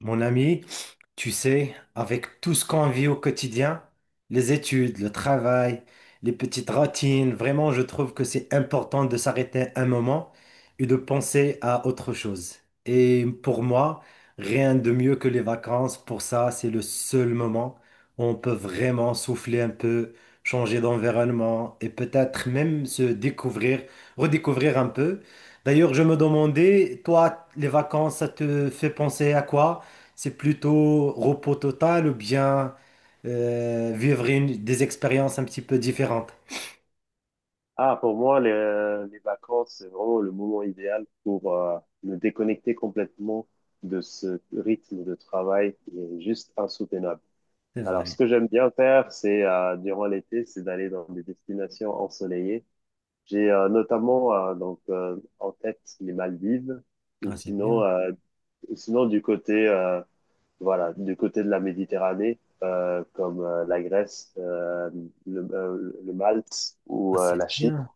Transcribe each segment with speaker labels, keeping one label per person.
Speaker 1: Mon ami, tu sais, avec tout ce qu'on vit au quotidien, les études, le travail, les petites routines, vraiment, je trouve que c'est important de s'arrêter un moment et de penser à autre chose. Et pour moi, rien de mieux que les vacances. Pour ça, c'est le seul moment où on peut vraiment souffler un peu, changer d'environnement et peut-être même se découvrir, redécouvrir un peu. D'ailleurs, je me demandais, toi, les vacances, ça te fait penser à quoi? C'est plutôt repos total ou bien vivre des expériences un petit peu différentes.
Speaker 2: Ah, pour moi, les vacances, c'est vraiment le moment idéal pour me déconnecter complètement de ce rythme de travail qui est juste insoutenable.
Speaker 1: C'est
Speaker 2: Alors, ce
Speaker 1: vrai.
Speaker 2: que j'aime bien faire, c'est durant l'été, c'est d'aller dans des destinations ensoleillées. J'ai notamment en tête les Maldives, ou
Speaker 1: Ah, c'est
Speaker 2: sinon,
Speaker 1: bien.
Speaker 2: euh, ou sinon du côté voilà, du côté de la Méditerranée, comme la Grèce, le Malte
Speaker 1: Ah,
Speaker 2: ou
Speaker 1: c'est
Speaker 2: la
Speaker 1: bien.
Speaker 2: Chypre.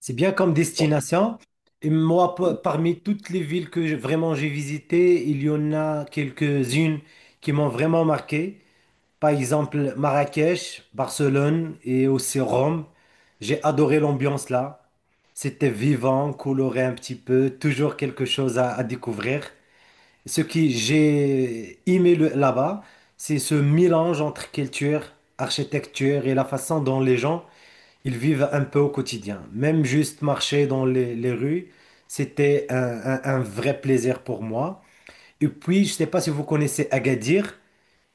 Speaker 1: C'est bien comme destination. Et moi, parmi toutes les villes que vraiment j'ai visitées, il y en a quelques-unes qui m'ont vraiment marqué. Par exemple, Marrakech, Barcelone et aussi Rome. J'ai adoré l'ambiance là. C'était vivant, coloré un petit peu, toujours quelque chose à découvrir. Ce que j'ai aimé là-bas, c'est ce mélange entre culture, architecture et la façon dont les gens ils vivent un peu au quotidien. Même juste marcher dans les rues, c'était un vrai plaisir pour moi. Et puis, je ne sais pas si vous connaissez Agadir,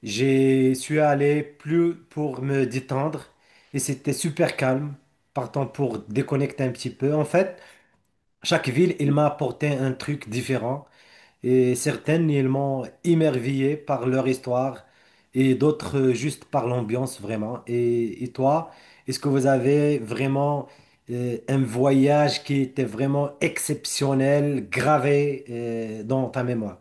Speaker 1: j'y suis allé plus pour me détendre et c'était super calme, partant pour déconnecter un petit peu. En fait, chaque ville, il m'a apporté un truc différent et certaines, ils m'ont émerveillé par leur histoire et d'autres juste par l'ambiance vraiment. Et toi, est-ce que vous avez vraiment un voyage qui était vraiment exceptionnel, gravé dans ta mémoire?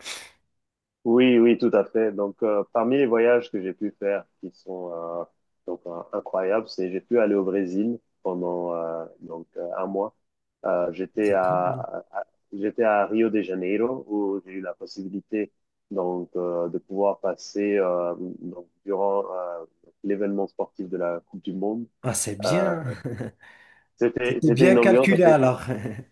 Speaker 2: Oui, oui, tout à fait. Donc, parmi les voyages que j'ai pu faire qui sont incroyables, c'est j'ai pu aller au Brésil pendant un mois. J'étais
Speaker 1: C'est très
Speaker 2: à,
Speaker 1: bien.
Speaker 2: à- j'étais à Rio de Janeiro où j'ai eu la possibilité de pouvoir passer donc durant l'événement sportif de la Coupe du Monde.
Speaker 1: Ah, c'est
Speaker 2: Euh,
Speaker 1: bien.
Speaker 2: c'était
Speaker 1: C'était
Speaker 2: c'était
Speaker 1: bien
Speaker 2: une ambiance.
Speaker 1: calculé alors.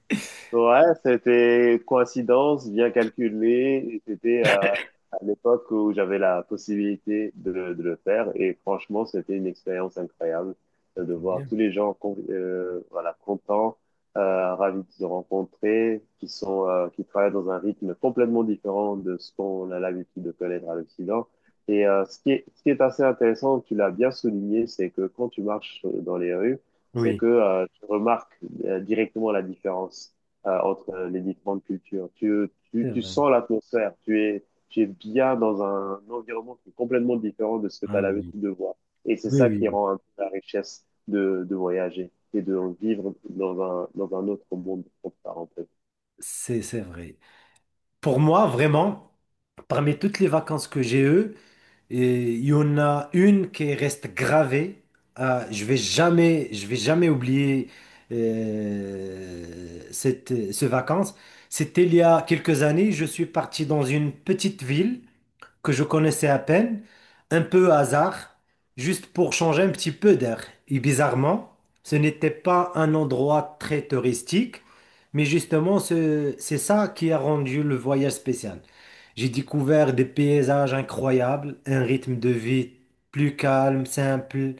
Speaker 2: Ouais, c'était coïncidence bien calculée. Et c'était à l'époque où j'avais la possibilité de, le faire et franchement, c'était une expérience incroyable de
Speaker 1: C'est
Speaker 2: voir
Speaker 1: bien.
Speaker 2: tous les gens voilà, contents, ravis de se rencontrer, qui sont qui travaillent dans un rythme complètement différent de ce qu'on a l'habitude de connaître à l'Occident. Et ce qui est assez intéressant, tu l'as bien souligné, c'est que quand tu marches dans les rues, c'est
Speaker 1: Oui,
Speaker 2: que tu remarques directement la différence entre les différentes cultures. Tu, tu,
Speaker 1: c'est
Speaker 2: tu
Speaker 1: vrai.
Speaker 2: sens l'atmosphère, tu es bien dans un environnement qui est complètement différent de ce que tu as
Speaker 1: Ah oui,
Speaker 2: l'habitude de voir. Et c'est
Speaker 1: oui,
Speaker 2: ça
Speaker 1: oui,
Speaker 2: qui
Speaker 1: oui.
Speaker 2: rend un peu la richesse de voyager et de vivre dans un autre monde, comme ça, en fait.
Speaker 1: C'est vrai. Pour moi, vraiment, parmi toutes les vacances que j'ai eues, et il y en a une qui reste gravée. Ah, je vais jamais oublier ce vacances. C'était il y a quelques années. Je suis parti dans une petite ville que je connaissais à peine, un peu hasard, juste pour changer un petit peu d'air. Et bizarrement, ce n'était pas un endroit très touristique, mais justement, c'est ça qui a rendu le voyage spécial. J'ai découvert des paysages incroyables, un rythme de vie plus calme, simple,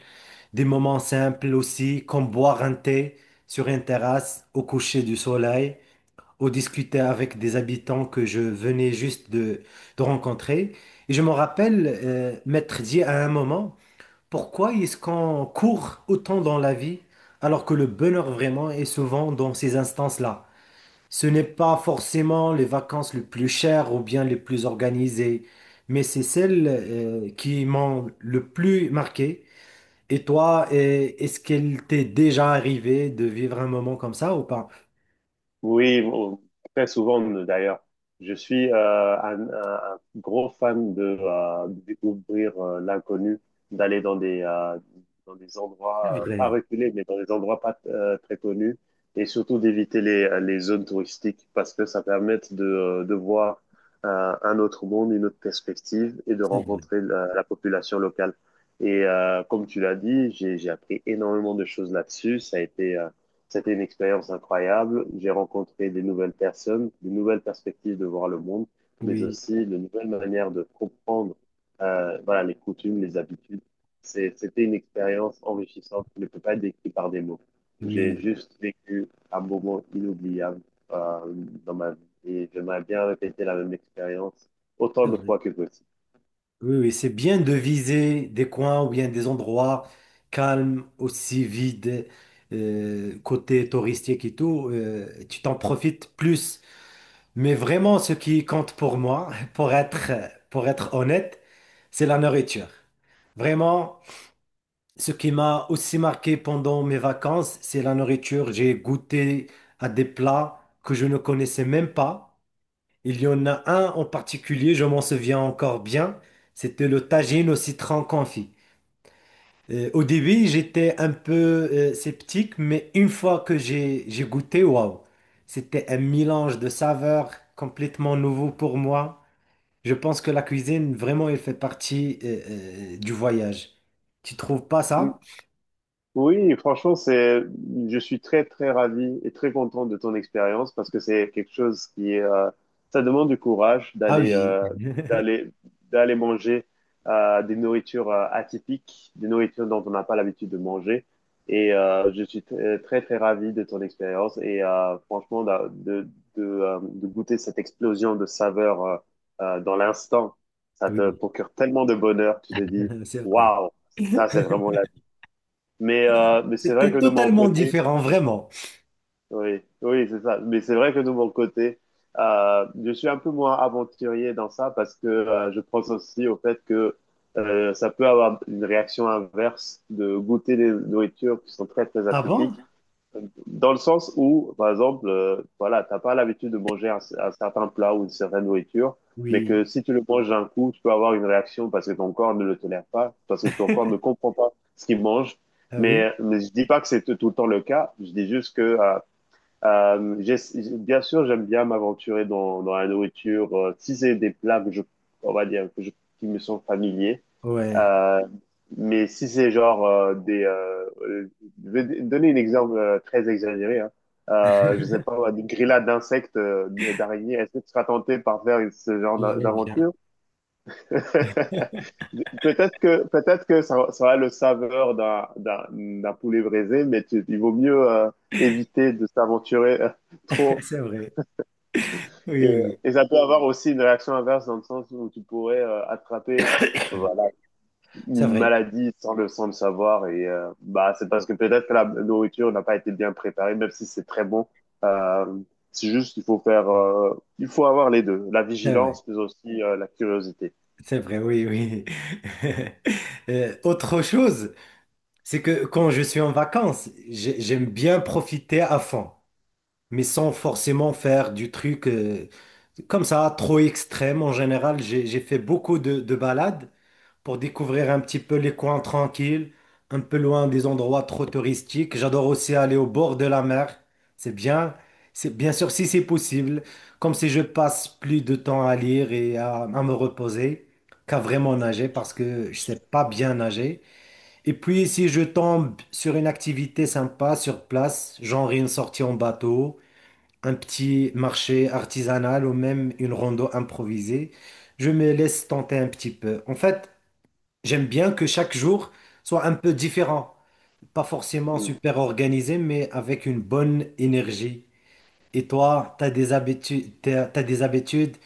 Speaker 1: des moments simples aussi, comme boire un thé sur une terrasse au coucher du soleil, ou discuter avec des habitants que je venais juste de rencontrer. Et je me rappelle m'être dit à un moment, pourquoi est-ce qu'on court autant dans la vie alors que le bonheur vraiment est souvent dans ces instances-là? Ce n'est pas forcément les vacances les plus chères ou bien les plus organisées, mais c'est celles qui m'ont le plus marqué. Et toi, est-ce qu'il t'est déjà arrivé de vivre un moment comme ça ou pas?
Speaker 2: Oui, bon, très souvent d'ailleurs. Je suis un gros fan de découvrir l'inconnu, d'aller dans des
Speaker 1: C'est
Speaker 2: endroits pas
Speaker 1: vrai,
Speaker 2: reculés, mais dans des endroits pas très connus, et surtout d'éviter les zones touristiques parce que ça permet de voir un autre monde, une autre perspective et de
Speaker 1: c'est vrai.
Speaker 2: rencontrer la, la population locale. Et comme tu l'as dit, j'ai appris énormément de choses là-dessus. Ça a été c'était une expérience incroyable. J'ai rencontré des nouvelles personnes, de nouvelles perspectives de voir le monde, mais
Speaker 1: Oui,
Speaker 2: aussi de nouvelles manières de comprendre voilà, les coutumes, les habitudes. C'était une expérience enrichissante qui ne peut pas être décrite par des mots. J'ai
Speaker 1: oui,
Speaker 2: juste vécu un moment inoubliable euh, dans ma vie et j'aimerais bien répéter la même expérience autant
Speaker 1: c'est
Speaker 2: de
Speaker 1: vrai.
Speaker 2: fois que possible.
Speaker 1: Oui, oui, c'est bien de viser des coins ou bien des endroits calmes, aussi vides, côté touristique et tout. Euh, tu t'en profites plus. Mais vraiment, ce qui compte pour moi, pour être honnête, c'est la nourriture. Vraiment, ce qui m'a aussi marqué pendant mes vacances, c'est la nourriture. J'ai goûté à des plats que je ne connaissais même pas. Il y en a un en particulier, je m'en souviens encore bien. C'était le tagine au citron confit. Au début, j'étais un peu sceptique, mais une fois que j'ai goûté, waouh, c'était un mélange de saveurs complètement nouveau pour moi. Je pense que la cuisine, vraiment, elle fait partie du voyage. Tu trouves pas ça?
Speaker 2: Oui, franchement, c'est, je suis très, très ravi et très content de ton expérience parce que c'est quelque chose qui est, ça demande du courage
Speaker 1: Ah
Speaker 2: d'aller,
Speaker 1: oui,
Speaker 2: d'aller, d'aller manger, des nourritures, atypiques, des nourritures dont on n'a pas l'habitude de manger. Et, je suis très, très, très ravi de ton expérience et, franchement, de goûter cette explosion de saveurs, dans l'instant. Ça te
Speaker 1: oui,
Speaker 2: procure tellement de bonheur, tu te dis,
Speaker 1: c'est vrai.
Speaker 2: waouh, ça, c'est vraiment la. Mais, mais c'est vrai
Speaker 1: C'était
Speaker 2: que de mon
Speaker 1: totalement
Speaker 2: côté,
Speaker 1: différent, vraiment.
Speaker 2: oui, oui, c'est ça. Mais c'est vrai que de mon côté, je suis un peu moins aventurier dans ça parce que je pense aussi au fait que ça peut avoir une réaction inverse de goûter des nourritures qui sont très, très
Speaker 1: Ah bon?
Speaker 2: atypiques dans le sens où, par exemple, voilà, t'as pas l'habitude de manger un certain plat ou une certaine nourriture, mais
Speaker 1: Oui,
Speaker 2: que si tu le manges d'un coup, tu peux avoir une réaction parce que ton corps ne le tolère pas, parce que ton corps ne comprend pas ce qu'il mange.
Speaker 1: ah oui,
Speaker 2: Mais je dis pas que c'est tout le temps le cas. Je dis juste que, euh, j'ai- bien sûr, j'aime bien m'aventurer dans, dans la nourriture. Si c'est des plats que je, on va dire, qui me sont familiers.
Speaker 1: ouais,
Speaker 2: Euh, mais si c'est genre je vais donner un exemple très exagéré. Hein. Je sais pas, moi, des grillades d'insectes, d'araignées. Est-ce que tu seras tenté par faire ce genre
Speaker 1: je vois bien.
Speaker 2: d'aventure? Peut-être que ça a le saveur d'un poulet braisé, mais il vaut mieux éviter de s'aventurer trop.
Speaker 1: C'est vrai, oui,
Speaker 2: Et,
Speaker 1: oui, oui.
Speaker 2: et ça peut avoir aussi une réaction inverse dans le sens où tu pourrais attraper voilà,
Speaker 1: C'est
Speaker 2: une
Speaker 1: vrai,
Speaker 2: maladie sans le savoir. Et bah, c'est parce que peut-être que la nourriture n'a pas été bien préparée, même si c'est très bon. Euh, c'est juste qu'il faut faire, il faut avoir les deux, la
Speaker 1: c'est vrai,
Speaker 2: vigilance, mais aussi la curiosité.
Speaker 1: c'est vrai, oui, oui. Autre chose, c'est que quand je suis en vacances, j'aime bien profiter à fond, mais sans forcément faire du truc comme ça, trop extrême. En général, j'ai fait beaucoup de balades pour découvrir un petit peu les coins tranquilles, un peu loin des endroits trop touristiques. J'adore aussi aller au bord de la mer. C'est bien, c'est bien sûr si c'est possible, comme si je passe plus de temps à lire à me reposer, qu'à vraiment nager parce que je sais pas bien nager. Et puis si je tombe sur une activité sympa sur place, genre une sortie en bateau, un petit marché artisanal ou même une rando improvisée, je me laisse tenter un petit peu. En fait, j'aime bien que chaque jour soit un peu différent, pas forcément
Speaker 2: Mm.
Speaker 1: super organisé, mais avec une bonne énergie. Et toi, t'as des habitudes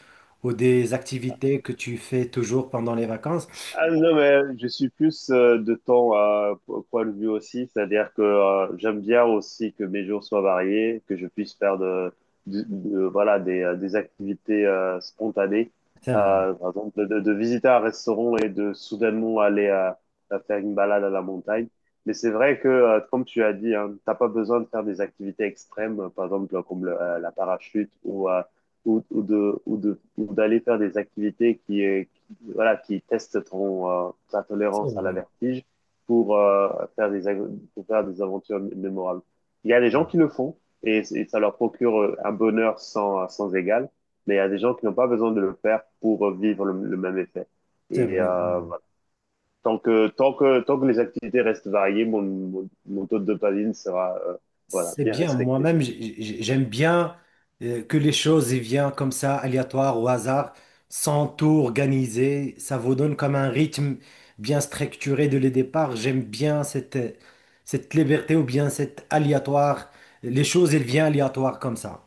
Speaker 1: ou des activités que tu fais toujours pendant les vacances?
Speaker 2: Ah non, mais je suis plus de temps à au point de vue aussi, c'est-à-dire que j'aime bien aussi que mes jours soient variés, que je puisse faire de, voilà, des activités spontanées.
Speaker 1: C'est vrai,
Speaker 2: Par exemple, de, de visiter un restaurant et de soudainement aller à faire une balade à la montagne. Mais c'est vrai que, comme tu as dit, hein, t'as pas besoin de faire des activités extrêmes, par exemple comme la parachute ou, ou d'aller faire des activités qui, voilà, qui testent ton, ta
Speaker 1: c'est
Speaker 2: tolérance à la
Speaker 1: vrai,
Speaker 2: vertige pour, faire des, pour faire des aventures mémorables. Il y a des gens qui le font et ça leur procure un bonheur sans, sans égal, mais il y a des gens qui n'ont pas besoin de le faire pour vivre le même effet.
Speaker 1: c'est
Speaker 2: Et
Speaker 1: vrai.
Speaker 2: voilà. Tant que les activités restent variées, mon taux de dopamine sera voilà,
Speaker 1: C'est
Speaker 2: bien
Speaker 1: bien,
Speaker 2: respecté.
Speaker 1: moi-même, j'aime bien que les choses y viennent comme ça, aléatoires, au hasard, sans tout organiser. Ça vous donne comme un rythme bien structuré dès le départ. J'aime bien cette liberté ou bien cette aléatoire. Les choses, elles viennent aléatoires comme ça.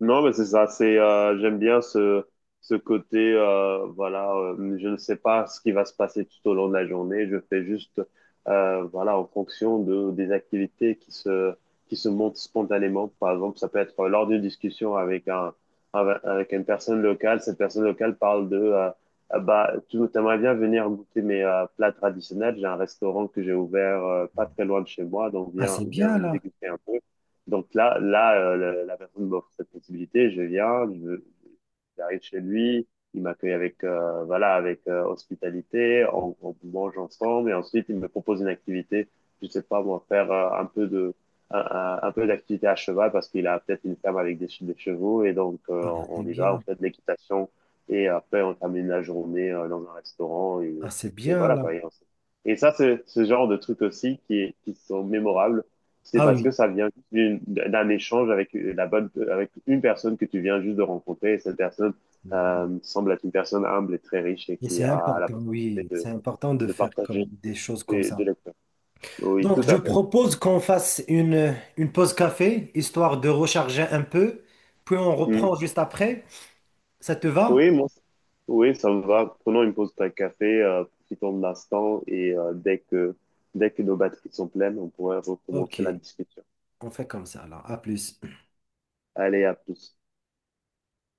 Speaker 2: Non, mais c'est ça, c'est j'aime bien ce côté voilà, je ne sais pas ce qui va se passer tout au long de la journée, je fais juste voilà en fonction de des activités qui se montent spontanément. Par exemple, ça peut être lors d'une discussion avec un avec une personne locale, cette personne locale parle de ah bah tu aimerais bien venir goûter mes plats traditionnels, j'ai un restaurant que j'ai ouvert pas très loin de chez moi, donc
Speaker 1: Ah, c'est bien
Speaker 2: viens
Speaker 1: là.
Speaker 2: déguster un peu. Donc là, là la, la personne m'offre cette possibilité. Je viens, j'arrive chez lui, il m'accueille avec, voilà, avec hospitalité, on mange ensemble et ensuite il me propose une activité. Je sais pas moi, faire un peu de, un, un peu d'activité à cheval parce qu'il a peut-être une ferme avec des, des chevaux et donc
Speaker 1: Ah,
Speaker 2: on
Speaker 1: c'est
Speaker 2: y va, on
Speaker 1: bien.
Speaker 2: fait de l'équitation et après on termine la journée dans un restaurant
Speaker 1: Ah, c'est
Speaker 2: et
Speaker 1: bien
Speaker 2: voilà,
Speaker 1: là.
Speaker 2: quoi. Et ça, c'est ce genre de trucs aussi qui sont mémorables, c'est
Speaker 1: Ah
Speaker 2: parce
Speaker 1: oui.
Speaker 2: que ça vient d'un échange avec la bonne, avec une personne que tu viens juste de rencontrer. Et cette personne semble être une personne humble et très riche et
Speaker 1: Et c'est
Speaker 2: qui a la
Speaker 1: important,
Speaker 2: possibilité
Speaker 1: oui. C'est important de
Speaker 2: de
Speaker 1: faire comme
Speaker 2: partager
Speaker 1: des choses comme
Speaker 2: de
Speaker 1: ça.
Speaker 2: l'expérience. Oui, tout
Speaker 1: Donc, je
Speaker 2: à fait.
Speaker 1: propose qu'on fasse une pause café, histoire de recharger un peu, puis on
Speaker 2: Hmm.
Speaker 1: reprend juste après. Ça te va?
Speaker 2: Oui, moi, oui, ça me va. Prenons une pause de café, profitons de l'instant et dès que nos batteries sont pleines, on pourrait
Speaker 1: Ok,
Speaker 2: recommencer la discussion.
Speaker 1: on fait comme ça alors. À plus.
Speaker 2: Allez, à plus.